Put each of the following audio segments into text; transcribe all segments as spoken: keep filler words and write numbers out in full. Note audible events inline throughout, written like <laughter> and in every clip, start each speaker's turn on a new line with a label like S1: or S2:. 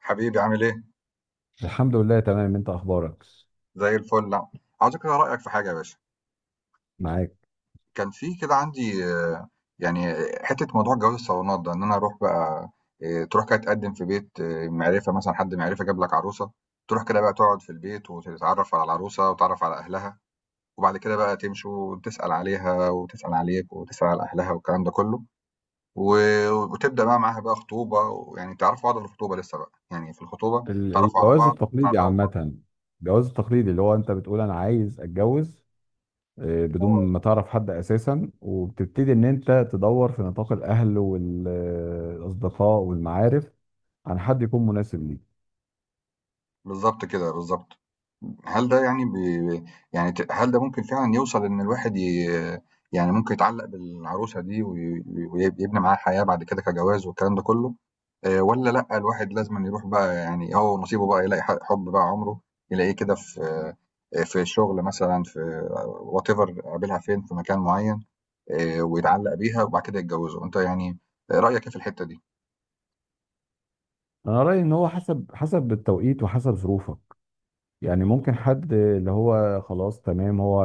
S1: حبيبي عامل ايه؟
S2: الحمد لله، تمام. انت اخبارك؟
S1: زي الفل. لا عاوز كده رأيك في حاجة يا باشا.
S2: معاك.
S1: كان في كده عندي آه، يعني حتة موضوع جواز الصالونات ده ان انا اروح بقى. آه، تروح كده تقدم في بيت آه، معرفة، مثلا حد معرفة جاب لك عروسة. تروح كده بقى تقعد في البيت وتتعرف على العروسة وتتعرف على اهلها، وبعد كده بقى تمشوا وتسأل عليها وتسأل عليك وتسأل على اهلها والكلام ده كله، و- وتبدأ بقى معاها بقى خطوبة. يعني تعرفوا بعض في الخطوبة، لسه بقى يعني في الخطوبة
S2: ال-
S1: تعرفوا على
S2: الجواز
S1: بعض
S2: التقليدي
S1: تعرفوا بعض
S2: عامة. الجواز التقليدي اللي هو انت بتقول انا عايز اتجوز، آه، بدون
S1: اه
S2: ما تعرف حد اساسا، وبتبتدي ان انت تدور في نطاق الاهل والاصدقاء والمعارف عن حد يكون مناسب ليك.
S1: بالظبط كده، بالظبط. هل ده يعني بي يعني ت هل ده ممكن فعلًا يوصل إن الواحد ي يعني ممكن يتعلّق بالعروسة دي وي ويب يبني معاها حياة بعد كده كجواز والكلام ده كله، آآ والّا لأ الواحد لازمًا يروح بقى، يعني هو ونصيبه بقى يلاقي ح حُب بقى عُمره، يلاقيه كده في، آآ في الشغل مثلًا، في whatever، قابلها فين، في مكان معيّن، آآ ويتعلّق بيها وبعد كده يتجوّزوا. أنت يعني رأيك إيه في الحتّة دي؟
S2: انا رأيي ان هو حسب حسب التوقيت وحسب ظروفك. يعني ممكن حد اللي هو خلاص تمام، هو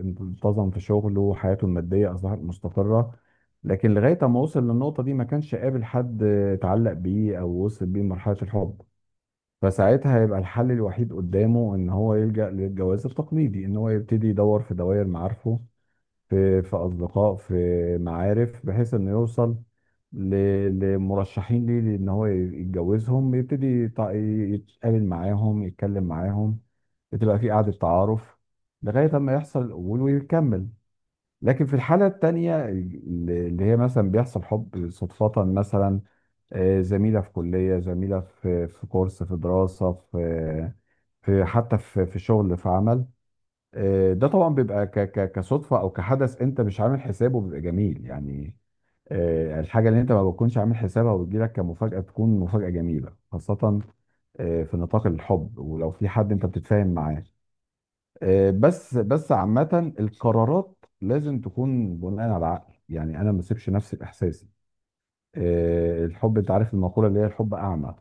S2: انتظم في شغله وحياته المادية أصبحت مستقرة، لكن لغاية ما وصل للنقطة دي ما كانش قابل حد اتعلق بيه أو وصل بيه لمرحلة الحب، فساعتها هيبقى الحل الوحيد قدامه إن هو يلجأ للجواز التقليدي، إن هو يبتدي يدور في دوائر معارفه، في في أصدقاء، في معارف، بحيث إنه يوصل ل- لمرشحين ليه إن هو يتجوزهم، يبتدي يتع- يتقابل معاهم، يتكلم معاهم. بتبقى في قعدة تعارف لغاية ما يحصل القبول ويكمل. لكن في الحالة التانية اللي هي مثلا بيحصل حب صدفة مثلا، آه، زميلة في كلية، زميلة في في كورس، في دراسة، في في حتى في في شغل، في عمل. آه، ده طبعا بيبقى ك- ك- كصدفة أو كحدث أنت مش عامل حسابه، بيبقى جميل يعني. آه، الحاجة اللي أنت ما بتكونش عامل حسابها وبتجيلك كمفاجأة، تكون مفاجأة جميلة خاصة آه، في نطاق الحب، ولو في حد أنت بتتفاهم معاه. آه، بس بس عامة، القرارات لازم تكون بناء على العقل، يعني انا ما اسيبش نفسي باحساسي. آه، الحب، انت عارف المقولة اللي هي الحب اعمى.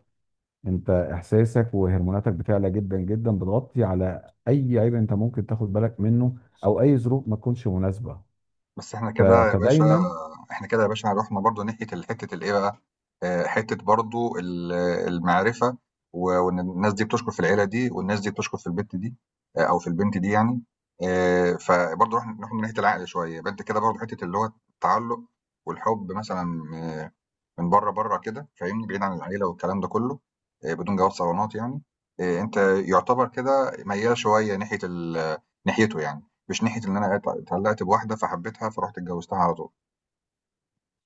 S2: انت احساسك وهرموناتك بتعلى جدا جدا، بتغطي على اي عيب انت ممكن تاخد بالك منه، او اي ظروف ما تكونش مناسبة.
S1: بس إحنا
S2: ف-
S1: كده يا باشا،
S2: فدايما،
S1: إحنا كده يا باشا رُحنا برضه ناحية ال حتة الإيه بقى، آآ حتة برضه ال المعرفة، و وإن الناس دي بتشكر في العيلة دي والناس دي بتشكر في البت دي، آآ أو في البنت دي يعني. آآ فبرضه رُحنا رُحنا ناحية العقل شوية، يبقى أنت كده برضه حتة اللي هو التعلُّق والحُب مثلًا آه، من بره بره كده، فاهمني، بعيد عن العيله والكلام ده كله، آه، بدون جواز صالونات يعني. آه، انت يعتبر كده ميال شويه ناحيه ال- ناحيته يعني، مش ناحيه ان انا ات- اتعلقت بواحده فحبيتها فرحت اتجوزتها على طول.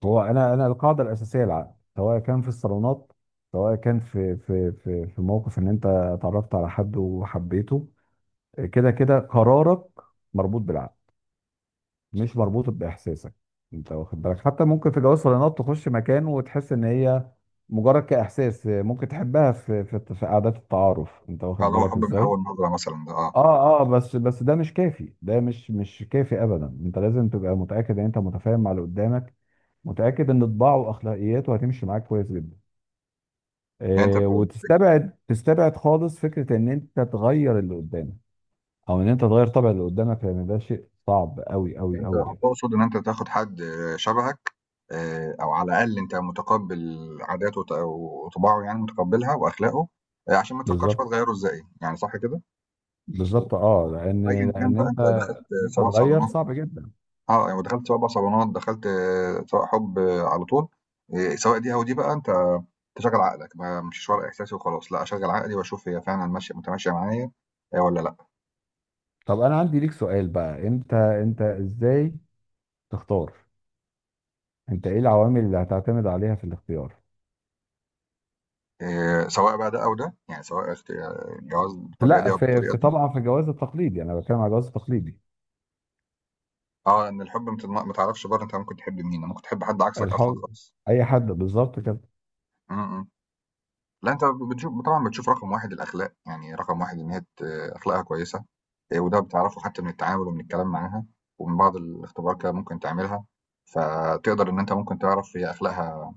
S2: هو انا انا القاعدة الاساسية العقل، سواء كان في الصالونات، سواء كان في في في في موقف ان انت اتعرفت على حد وحبيته. آه، كده كده قرارك مربوط بالعقل، مش مربوطة بإحساسك. أنت واخد بالك حتى ممكن في جواز صالونات تخش مكان وتحس إن هي، مجرد كإحساس، ممكن تحبها في في, في قعدات التعارف، أنت واخد
S1: فاللي هو
S2: بالك
S1: حب من
S2: إزاي؟
S1: اول نظره مثلا ده، اه.
S2: آه آه بس بس ده مش كافي، ده مش مش كافي أبدا. أنت لازم تبقى متأكد إن أنت متفاهم مع اللي قدامك، متأكد إن طباعه وأخلاقياته هتمشي معاك كويس جدا.
S1: يعني انت،
S2: آه، وتستبعد تستبعد خالص فكرة إن أنت تغير اللي قدامك، أو إن أنت تغير طبع اللي قدامك، لأن ده شيء صعب أوي أوي
S1: انت
S2: أوي يعني.
S1: تقصد ان انت تاخد حد آه، شبهك، آه، او على الاقل انت متقبل عاداته وط- وطباعه، يعني متقبلها واخلاقه، آه، عشان ما تفكرش بقى
S2: بالظبط،
S1: تغيره ازاي يعني، صح كده.
S2: بالظبط، اه، لان
S1: وايا كان
S2: لان
S1: بقى
S2: انت،
S1: انت دخلت
S2: إن انت
S1: سواء
S2: تغير
S1: صالونات،
S2: صعب جدا.
S1: آه، يعني ودخلت سواء بقى صالونات، دخلت آه، سواء حُب آه، على طول، آآ سواء دي أو دي بقى أنت تشغّل عقلك، ما أمشيش ورا إحساسي وخلاص، لأ أشغّل عقلي وأشوف هي فعلًا ماشية متماشية معايا آآ والّا لأ.
S2: طب انا عندي ليك سؤال بقى، انت انت ازاي تختار؟ انت ايه العوامل اللي هتعتمد عليها في الاختيار؟
S1: آآ سواء بقى ده أو ده، يعني سواء اخت آه، الجواز
S2: في
S1: بالطريقة
S2: لا
S1: دي أو
S2: في,
S1: بالطريقة
S2: في
S1: دي.
S2: طبعا في الجواز التقليدي، انا بتكلم على الجواز التقليدي.
S1: آه، لإن الحُب ما تضم ما تعرفش برّه، أنت ممكن تحب مين، ممكن تحب حد عكسك أصلًا
S2: الحب
S1: خالص.
S2: اي حد بالظبط كده.
S1: إمم، إمم. لأ أنت بتشوف طبعًا، بتشوف رقم واحد الأخلاق، يعني رقم واحد إن هي ت أخلاقها كويسة، آآ وده بتعرفه حتى من التعامل ومن الكلام معاها، ومن بعض الاختبارات كده ممكن تعملها، فتقدر إن أنت ممكن تعرف هي أخلاقها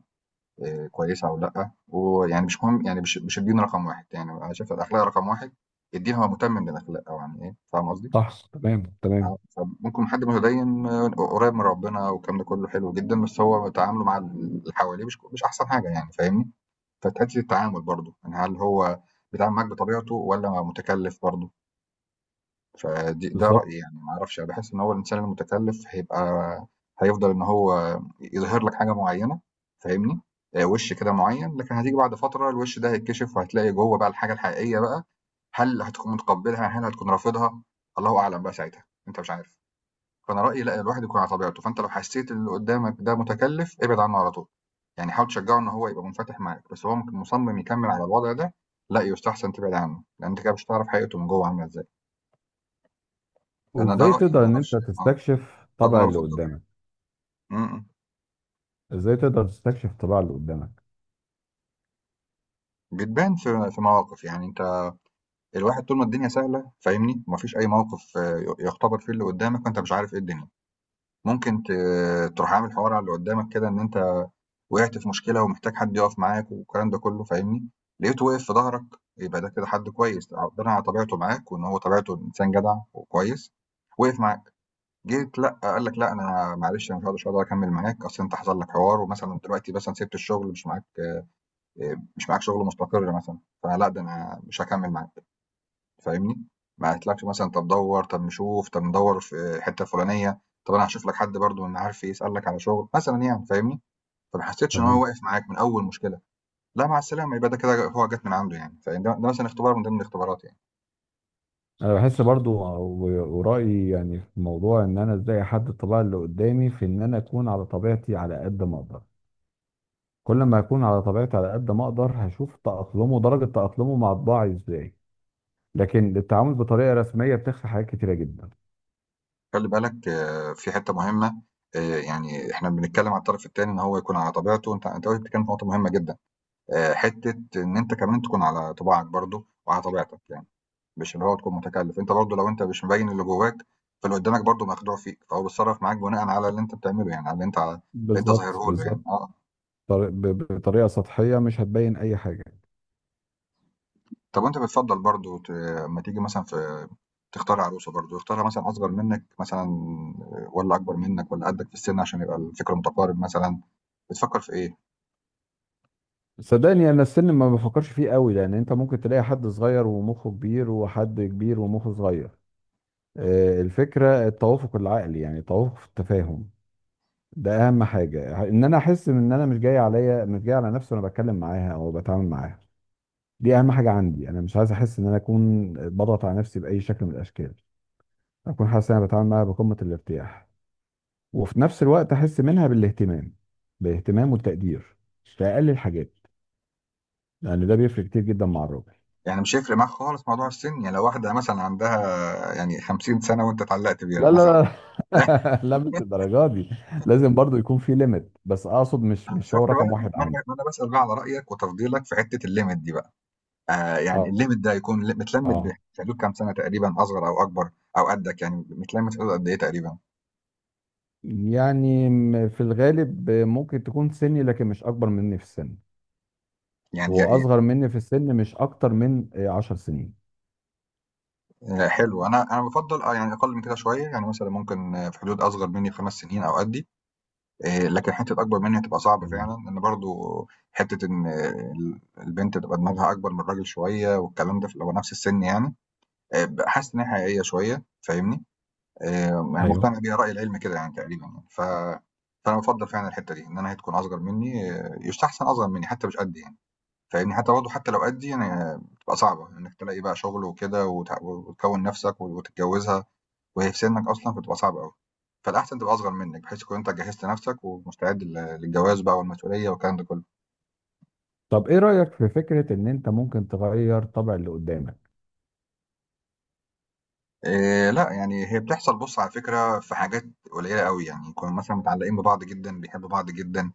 S1: آآ كويسة أو لأ. ويعني مش مهم يعني مش مش الدين رقم واحد، يعني أنا شايف الأخلاق رقم واحد، الدين هو مُتمم للأخلاق، أو يعني إيه، فاهم قصدي؟
S2: صح، تمام، تمام.
S1: آه، فممكن حد متدين آه، قريب من ربنا والكلام ده كله حلو جدًا، بس هو تعامله مع اللي حواليه مش ك مش أحسن حاجة يعني، فاهمني؟ فتأدي التعامل برضه، يعني هل هو بيتعامل معاك بطبيعته ولا متكلف برضه. فدي ده
S2: بالظبط.
S1: رأيي يعني، ما اعرفش، أنا بحس ان هو الانسان المتكلف هيبقى، هيفضل ان هو يظهر لك حاجة معينة، فاهمني. آه، وش كده معين لكن هتيجي بعد فترة الوش ده هيتكشف وهتلاقي جوه بقى الحاجة الحقيقية بقى، هل هتكون متقبلها هل هتكون رافضها، الله اعلم بقى ساعتها، انت مش عارف. فانا رايي لا الواحد يكون على طبيعته، فانت لو حسيت ان اللي قدامك ده متكلف ابعد عنه على طول. يعني حاول تشجعه ان هو يبقى منفتح معاك، بس هو ممكن مصمم يكمل على الوضع ده، لا يستحسن تبعد عنه، لان انت كده مش هتعرف حقيقته من جوه عامله ازاي. انا ده
S2: وازاي
S1: رايي،
S2: تقدر
S1: ما
S2: ان انت
S1: اعرفش، اه،
S2: تستكشف
S1: ده اللي
S2: طبع
S1: انا
S2: اللي
S1: بفضله يعني.
S2: قدامك؟
S1: م- م.
S2: ازاي تقدر تستكشف طباع اللي قدامك؟
S1: بتبان في في مواقف يعني. انت الواحد طول ما الدنيا سهله، فاهمني، ومفيش اي موقف آه، يختبر فيه اللي قدامك، وانت مش عارف ايه الدنيا. ممكن ت- تروح عامل حوار على اللي قدامك كده ان انت وقعت في مشكلة ومحتاج حد يقف معاك والكلام ده كله، فاهمني. لقيته واقف في ظهرك، يبقى ده كده حد كويس، ربنا على طبيعته معاك، وان هو طبيعته انسان جدع وكويس، وقف معاك. جيت لا قال لك لا انا معلش، انا مش هقدر مش هقدر اكمل معاك، اصل انت حصل لك حوار ومثلا دلوقتي مثلا سبت الشغل، مش معاك، مش معاك شغل مستقر مثلا، فلا ده انا مش هكمل معاك، فاهمني. ما قالتلكش مثلا طب دور، طب نشوف، طب ندور في الحته الفلانيه، طب انا هشوف لك حد برضو من معارفي يسالك على شغل مثلا يعني، فاهمني. فما حسيتش ان هو
S2: تمام.
S1: واقف معاك من اول مشكله، لا مع السلامة، يبقى ده كده هو جات من عنده يعني، فده ده مثلًا اختبار من ضمن الاختبارات يعني.
S2: انا بحس برضو و- ورأيي يعني في الموضوع، ان انا ازاي احدد الطبيعة اللي قدامي، في ان انا اكون على طبيعتي على قد ما اقدر. كل ما اكون على طبيعتي على قد ما اقدر، هشوف تأقلمه، درجة تأقلمه مع طباعي ازاي. لكن التعامل بطريقة رسمية بتخفي حاجات كتيرة جدا.
S1: خلّي بالك آآ في حتّة مهمة، آآ يعني إحنا بنتكلّم عن الطرف التاني إن هو يكون على طبيعته، وأنت أنت وارد بتتكلّم في نقطة مهمة جدًا، آآ حتّة إن أنت كمان تكون على طباعك برضه وعلى طبيعتك يعني، مش اللي هو تكون متكلّف. أنت برضه لو أنت مش مبيّن اللي جواك، فاللي قدّامك برضه مخدوع فيك، فهو بيتصرّف معاك بناءً على اللي أنت بتعمله يعني، على اللي أنت ع اللي أنت
S2: بالظبط،
S1: ظاهره له يعني،
S2: بالظبط.
S1: آه.
S2: طري- ب- بطريقة سطحية مش هتبين اي حاجة.
S1: طَب وأنت بتفضّل برضه ت أمّا تيجي مثلًا في تختار عروسة برضه، يختارها مثلًا أصغر منّك مثلًا والّا أكبر منّك والّا قدّك في السِن عشان يبقى الفِكر متقارب مثلًا، بتفكّر في إيه؟
S2: صدقني، انا السن ما بفكرش فيه قوي، لان انت ممكن تلاقي حد صغير ومخه كبير، وحد كبير ومخه صغير. آه، الفكرة التوافق العقلي، يعني التوافق في التفاهم. ده اهم حاجه، ان انا احس ان انا مش جاي عليا، مش جاي على نفسي، وانا بتكلم معاها او بتعامل معاها. دي اهم حاجه عندي. انا مش عايز احس ان انا اكون بضغط على نفسي باي شكل من الاشكال. اكون حاسس ان انا بتعامل معاها بقمه الارتياح، وفي نفس الوقت احس منها بالاهتمام، بالاهتمام والتقدير، في اقل الحاجات، لان ده بيفرق كتير جدا مع الراجل.
S1: يعني مش هيفرق معاك خالص موضوع السِن، يعني لو واحدة مثلًا عندها يعني خمسين سنة سَنة وأنت اتعلّقت بيها
S2: لا،
S1: مثلًا
S2: لا، لا،
S1: <laughs>
S2: <laughs> لا، مش الدرجه دي. لازم برضو يكون في ليميت، بس اقصد مش
S1: أنا
S2: مش هو
S1: شُفت بقى؟
S2: رقم واحد
S1: ما أنا
S2: عندي.
S1: ما أنا باسأل بقى على رأيك وتفضيلك في حتّة الlimit دي بقى، آآ يعني
S2: اه،
S1: الlimit ده هيكون ل متلمّت ب
S2: اه،
S1: في حدود كام سَنة تقريبًا أصغر أو أكبر، أو قدّك يعني متلمّت في حدود قد إيه تقريبًا؟
S2: يعني م- في الغالب ممكن تكون سني، لكن مش اكبر مني في السن.
S1: يعني
S2: هو
S1: ي
S2: اصغر مني في السن مش اكتر من آه، عشر سنين.
S1: آآ حلو، أنا أنا بافضّل آه، يعني أقل من كده شوية، يعني مثلًا ممكن آه، في حدود أصغر منّي بخمس سنين أو قدّي. آه، لكن حته اكبر مني هتبقى صعبه فعلا،
S2: تمام.
S1: لان برضو حته ان آه، البنت تبقى دماغها اكبر من الراجل شويه والكلام ده في- لو نفس السن يعني، آه، حاسس ان هي حقيقيه شويه، فاهمني، آه، يعني
S2: ايوه.
S1: مقتنع بيها راي العلم كده يعني تقريبا يعني. ف فانا بفضل فعلا الحته دي، ان انا هي تكون اصغر مني آه، يستحسن اصغر مني حتى مش قدي يعني، فاهمني، حتى برضه حتى لو قدي يعني آه، بتبقى صعبه انك تلاقي بقى شغل وكده وت- وتكون نفسك وتتجوزها وهي في سنك أصلًا فتبقى صعبة أوي. فالأحسن تبقى أصغر منك بحيث تكون أنت جهّزت نَفْسك ومستعد لل للجواز بقى والمسؤولية والكلام ده كُلّه.
S2: طب ايه رأيك في فكرة ان انت ممكن تغير طبع اللي قدامك؟
S1: آآ لأ، يعني هي بتحصل، بُص على فكرة، في حاجات قليّلة أوي، يعني يكونوا مثلًا متعلّقين ببعض جدًا، بيحبّوا بعض جدًا،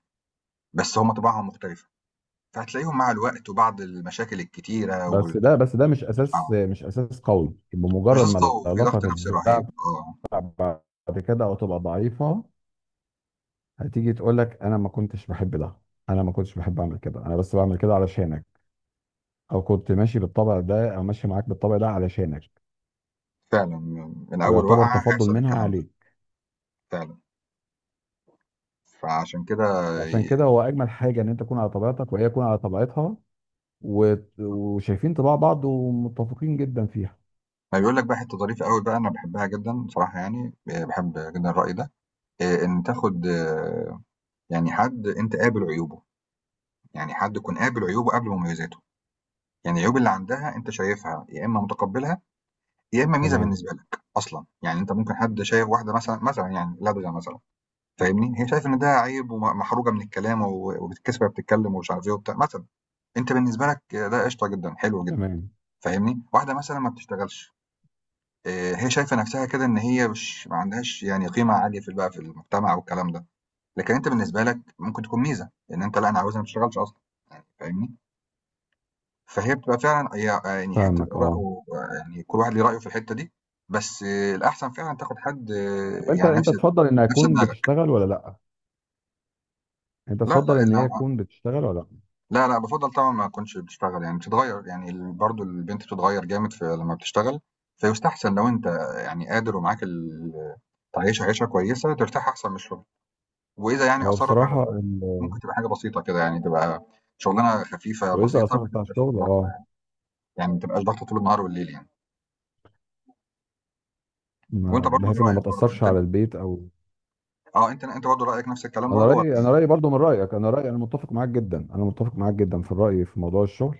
S1: بس هم طباعهم مختلفة، فهتلاقيهم مع الوقت وبعد المشاكل الكتيرة
S2: بس
S1: وال،
S2: ده بس ده مش اساس
S1: آه.
S2: مش اساس قوي، بمجرد
S1: الرصاص
S2: ما
S1: قوي وفي
S2: العلاقة
S1: ضغط نَفْسي
S2: تتزعزع
S1: رهيب، آه.
S2: بعد كده او تبقى ضعيفة، هتيجي تقول لك انا ما كنتش بحب ده، انا ما كنتش بحب اعمل كده، انا بس بعمل كده علشانك، او كنت ماشي بالطبع ده، او ماشي معاك بالطبع ده علشانك،
S1: فعلًا، من من أول
S2: ويعتبر
S1: وقعة
S2: تفضل
S1: هيحصل
S2: منها
S1: الكلام ده،
S2: عليك.
S1: فعلًا. فعشان كده
S2: عشان
S1: ي
S2: كده هو اجمل حاجه ان انت تكون على طبيعتك، وهي تكون على طبيعتها، وت- وشايفين طباع بعض ومتفقين جدا فيها.
S1: ما بيقول لك بقى حتّة ظريفة أوي بقى، أنا باحبّها جدًا بصراحة يعني، آآ باحب جدًا الرأي ده، آآ إن تاخُد آه، يعني حد أنت قابل عيوبه، يعني حد تكون قابل عيوبه قبل مميزاته، يعني العيوب اللي عندها أنت شايفها يا إمّا متقبّلها، يا إمّا ميزة
S2: تمام،
S1: بالنسبة لك أصلًا. يعني أنت ممكن حد شايف واحدة مثلًا مثلًا يعني لدغة مثلًا، فاهمني، هي شايفة إن ده عيب ومحروجة من الكلام و وبتتكسف وهي بتتكلّم ومش عارف إيه وبتاع مثلًا، أنت بالنسبة لك ده قشطة جدًا، حلو جدًا،
S2: تمام.
S1: فاهمني. واحدة مثلًا ما بتشتغلش، آآ هي شايفة نَفْسها كده إن هي مش ما عندهاش يعني قيمة عالية في ال بقى في المجتمع والكلام ده. لكن أنت بالنسبة لك ممكن تكون ميزة، لإن أنت لأ، أنا عاوزها ما تشتغلش أصلًا، فاهمني؟ فهي بتبقى فعلًا، هي يعني حتة
S2: فاهمك،
S1: آراء
S2: اه.
S1: ويعني كل واحد ليه رأيه في الحتة دي. بس آه، الأحسن فعلًا تاخد حد آه،
S2: طب انت
S1: يعني
S2: انت
S1: نفس
S2: تفضل ان
S1: نفس
S2: اكون
S1: دماغك.
S2: بتشتغل ولا لا؟ انت
S1: لأ، لأ،
S2: تفضل ان
S1: ال
S2: هي تكون بتشتغل ولا لا؟
S1: لأ، لأ، بافضّل طبعًا ما أكونش بتشتغل، يعني بتتغيّر، يعني ال برضه البنت بتتغيّر جامد في لمّا بتشتغل، فيُستحسن لو أنت يعني قادر ومعاك ال تعيّشها عيشة كويسة ترتاح أحسن من الشغل. وإذا يعني
S2: هو
S1: أصرّت على
S2: بصراحه
S1: شغل ممكن
S2: ال-
S1: تبقى حاجة بسيطة كده، يعني تبقى شغلانة خفيفة
S2: واذا
S1: بسيطة
S2: اثر
S1: ما
S2: بتاع
S1: تبقاش
S2: الشغل،
S1: ضغط.
S2: اه،
S1: يعني ما تبقاش ضغطه طول النهار والليل يعني. وانت
S2: ما-
S1: برضو ايه
S2: بحيث انها ما
S1: رايك برضو
S2: تاثرش
S1: انت،
S2: على البيت او...
S1: اه انت، انت برضو رايك نفس الكلام
S2: انا
S1: برضو ولا.
S2: رايي انا رايي برضو من رايك. انا رايي انا متفق معاك جدا انا متفق معاك جدا في الراي في موضوع الشغل.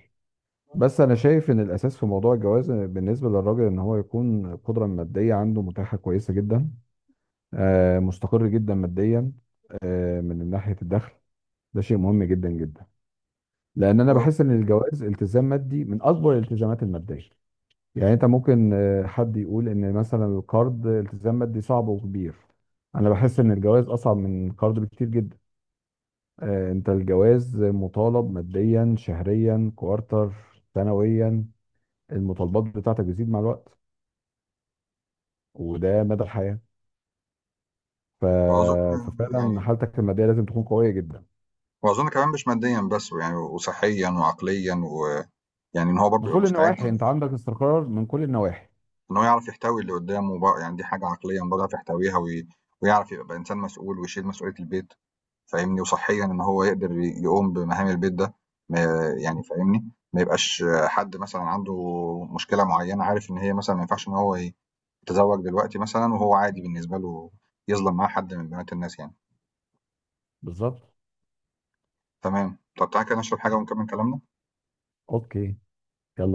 S2: بس انا شايف ان الاساس في موضوع الجواز بالنسبه للراجل، ان هو يكون القدره الماديه عنده متاحه كويسه جدا. آه، مستقر جدا ماديا، آه، من ناحيه الدخل. ده شيء مهم جدا جدا. لان انا
S1: و-
S2: بحس ان الجواز التزام مادي، من اكبر الالتزامات الماديه. يعني انت ممكن آه، حد يقول ان مثلا القرض التزام مادي صعب وكبير. انا بحس ان الجواز اصعب من القرض بكتير جدا. آه، انت الجواز مطالب ماديا، شهريا، كوارتر، سنويا. المطالبات بتاعتك بتزيد مع الوقت، وده مدى الحياة. ف...
S1: واظن
S2: ففعلا
S1: يعني،
S2: حالتك المادية لازم تكون قوية جدا،
S1: واظن كمان مش ماديا بس يعني، وصحيا وعقليا ويعني، ان هو
S2: من
S1: برضو يبقى
S2: كل
S1: مستعد،
S2: النواحي. انت عندك استقرار من كل النواحي.
S1: ان هو يعرف يحتوي اللي قدامه بقى يعني، دي حاجه عقليا برضو يعرف يحتويها وي، ويعرف يبقى انسان مسؤول ويشيل مسؤوليه البيت، فاهمني. وصحيا ان هو يقدر ي- يقوم بمهام البيت ده، ما يعني فاهمني، ما يبقاش حد مثلا عنده مشكله معينه، عارف ان هي مثلا ما ينفعش ان هو ي، تزوج دلوقتي مثلًا وهو عادي بالنسبة له، يظلم معاه حد من بنات الناس يعني.
S2: بالظبط.
S1: تمام، تقطّعي كده نشرب حاجة ونكمّل كلامنا؟
S2: اوكي، يلا.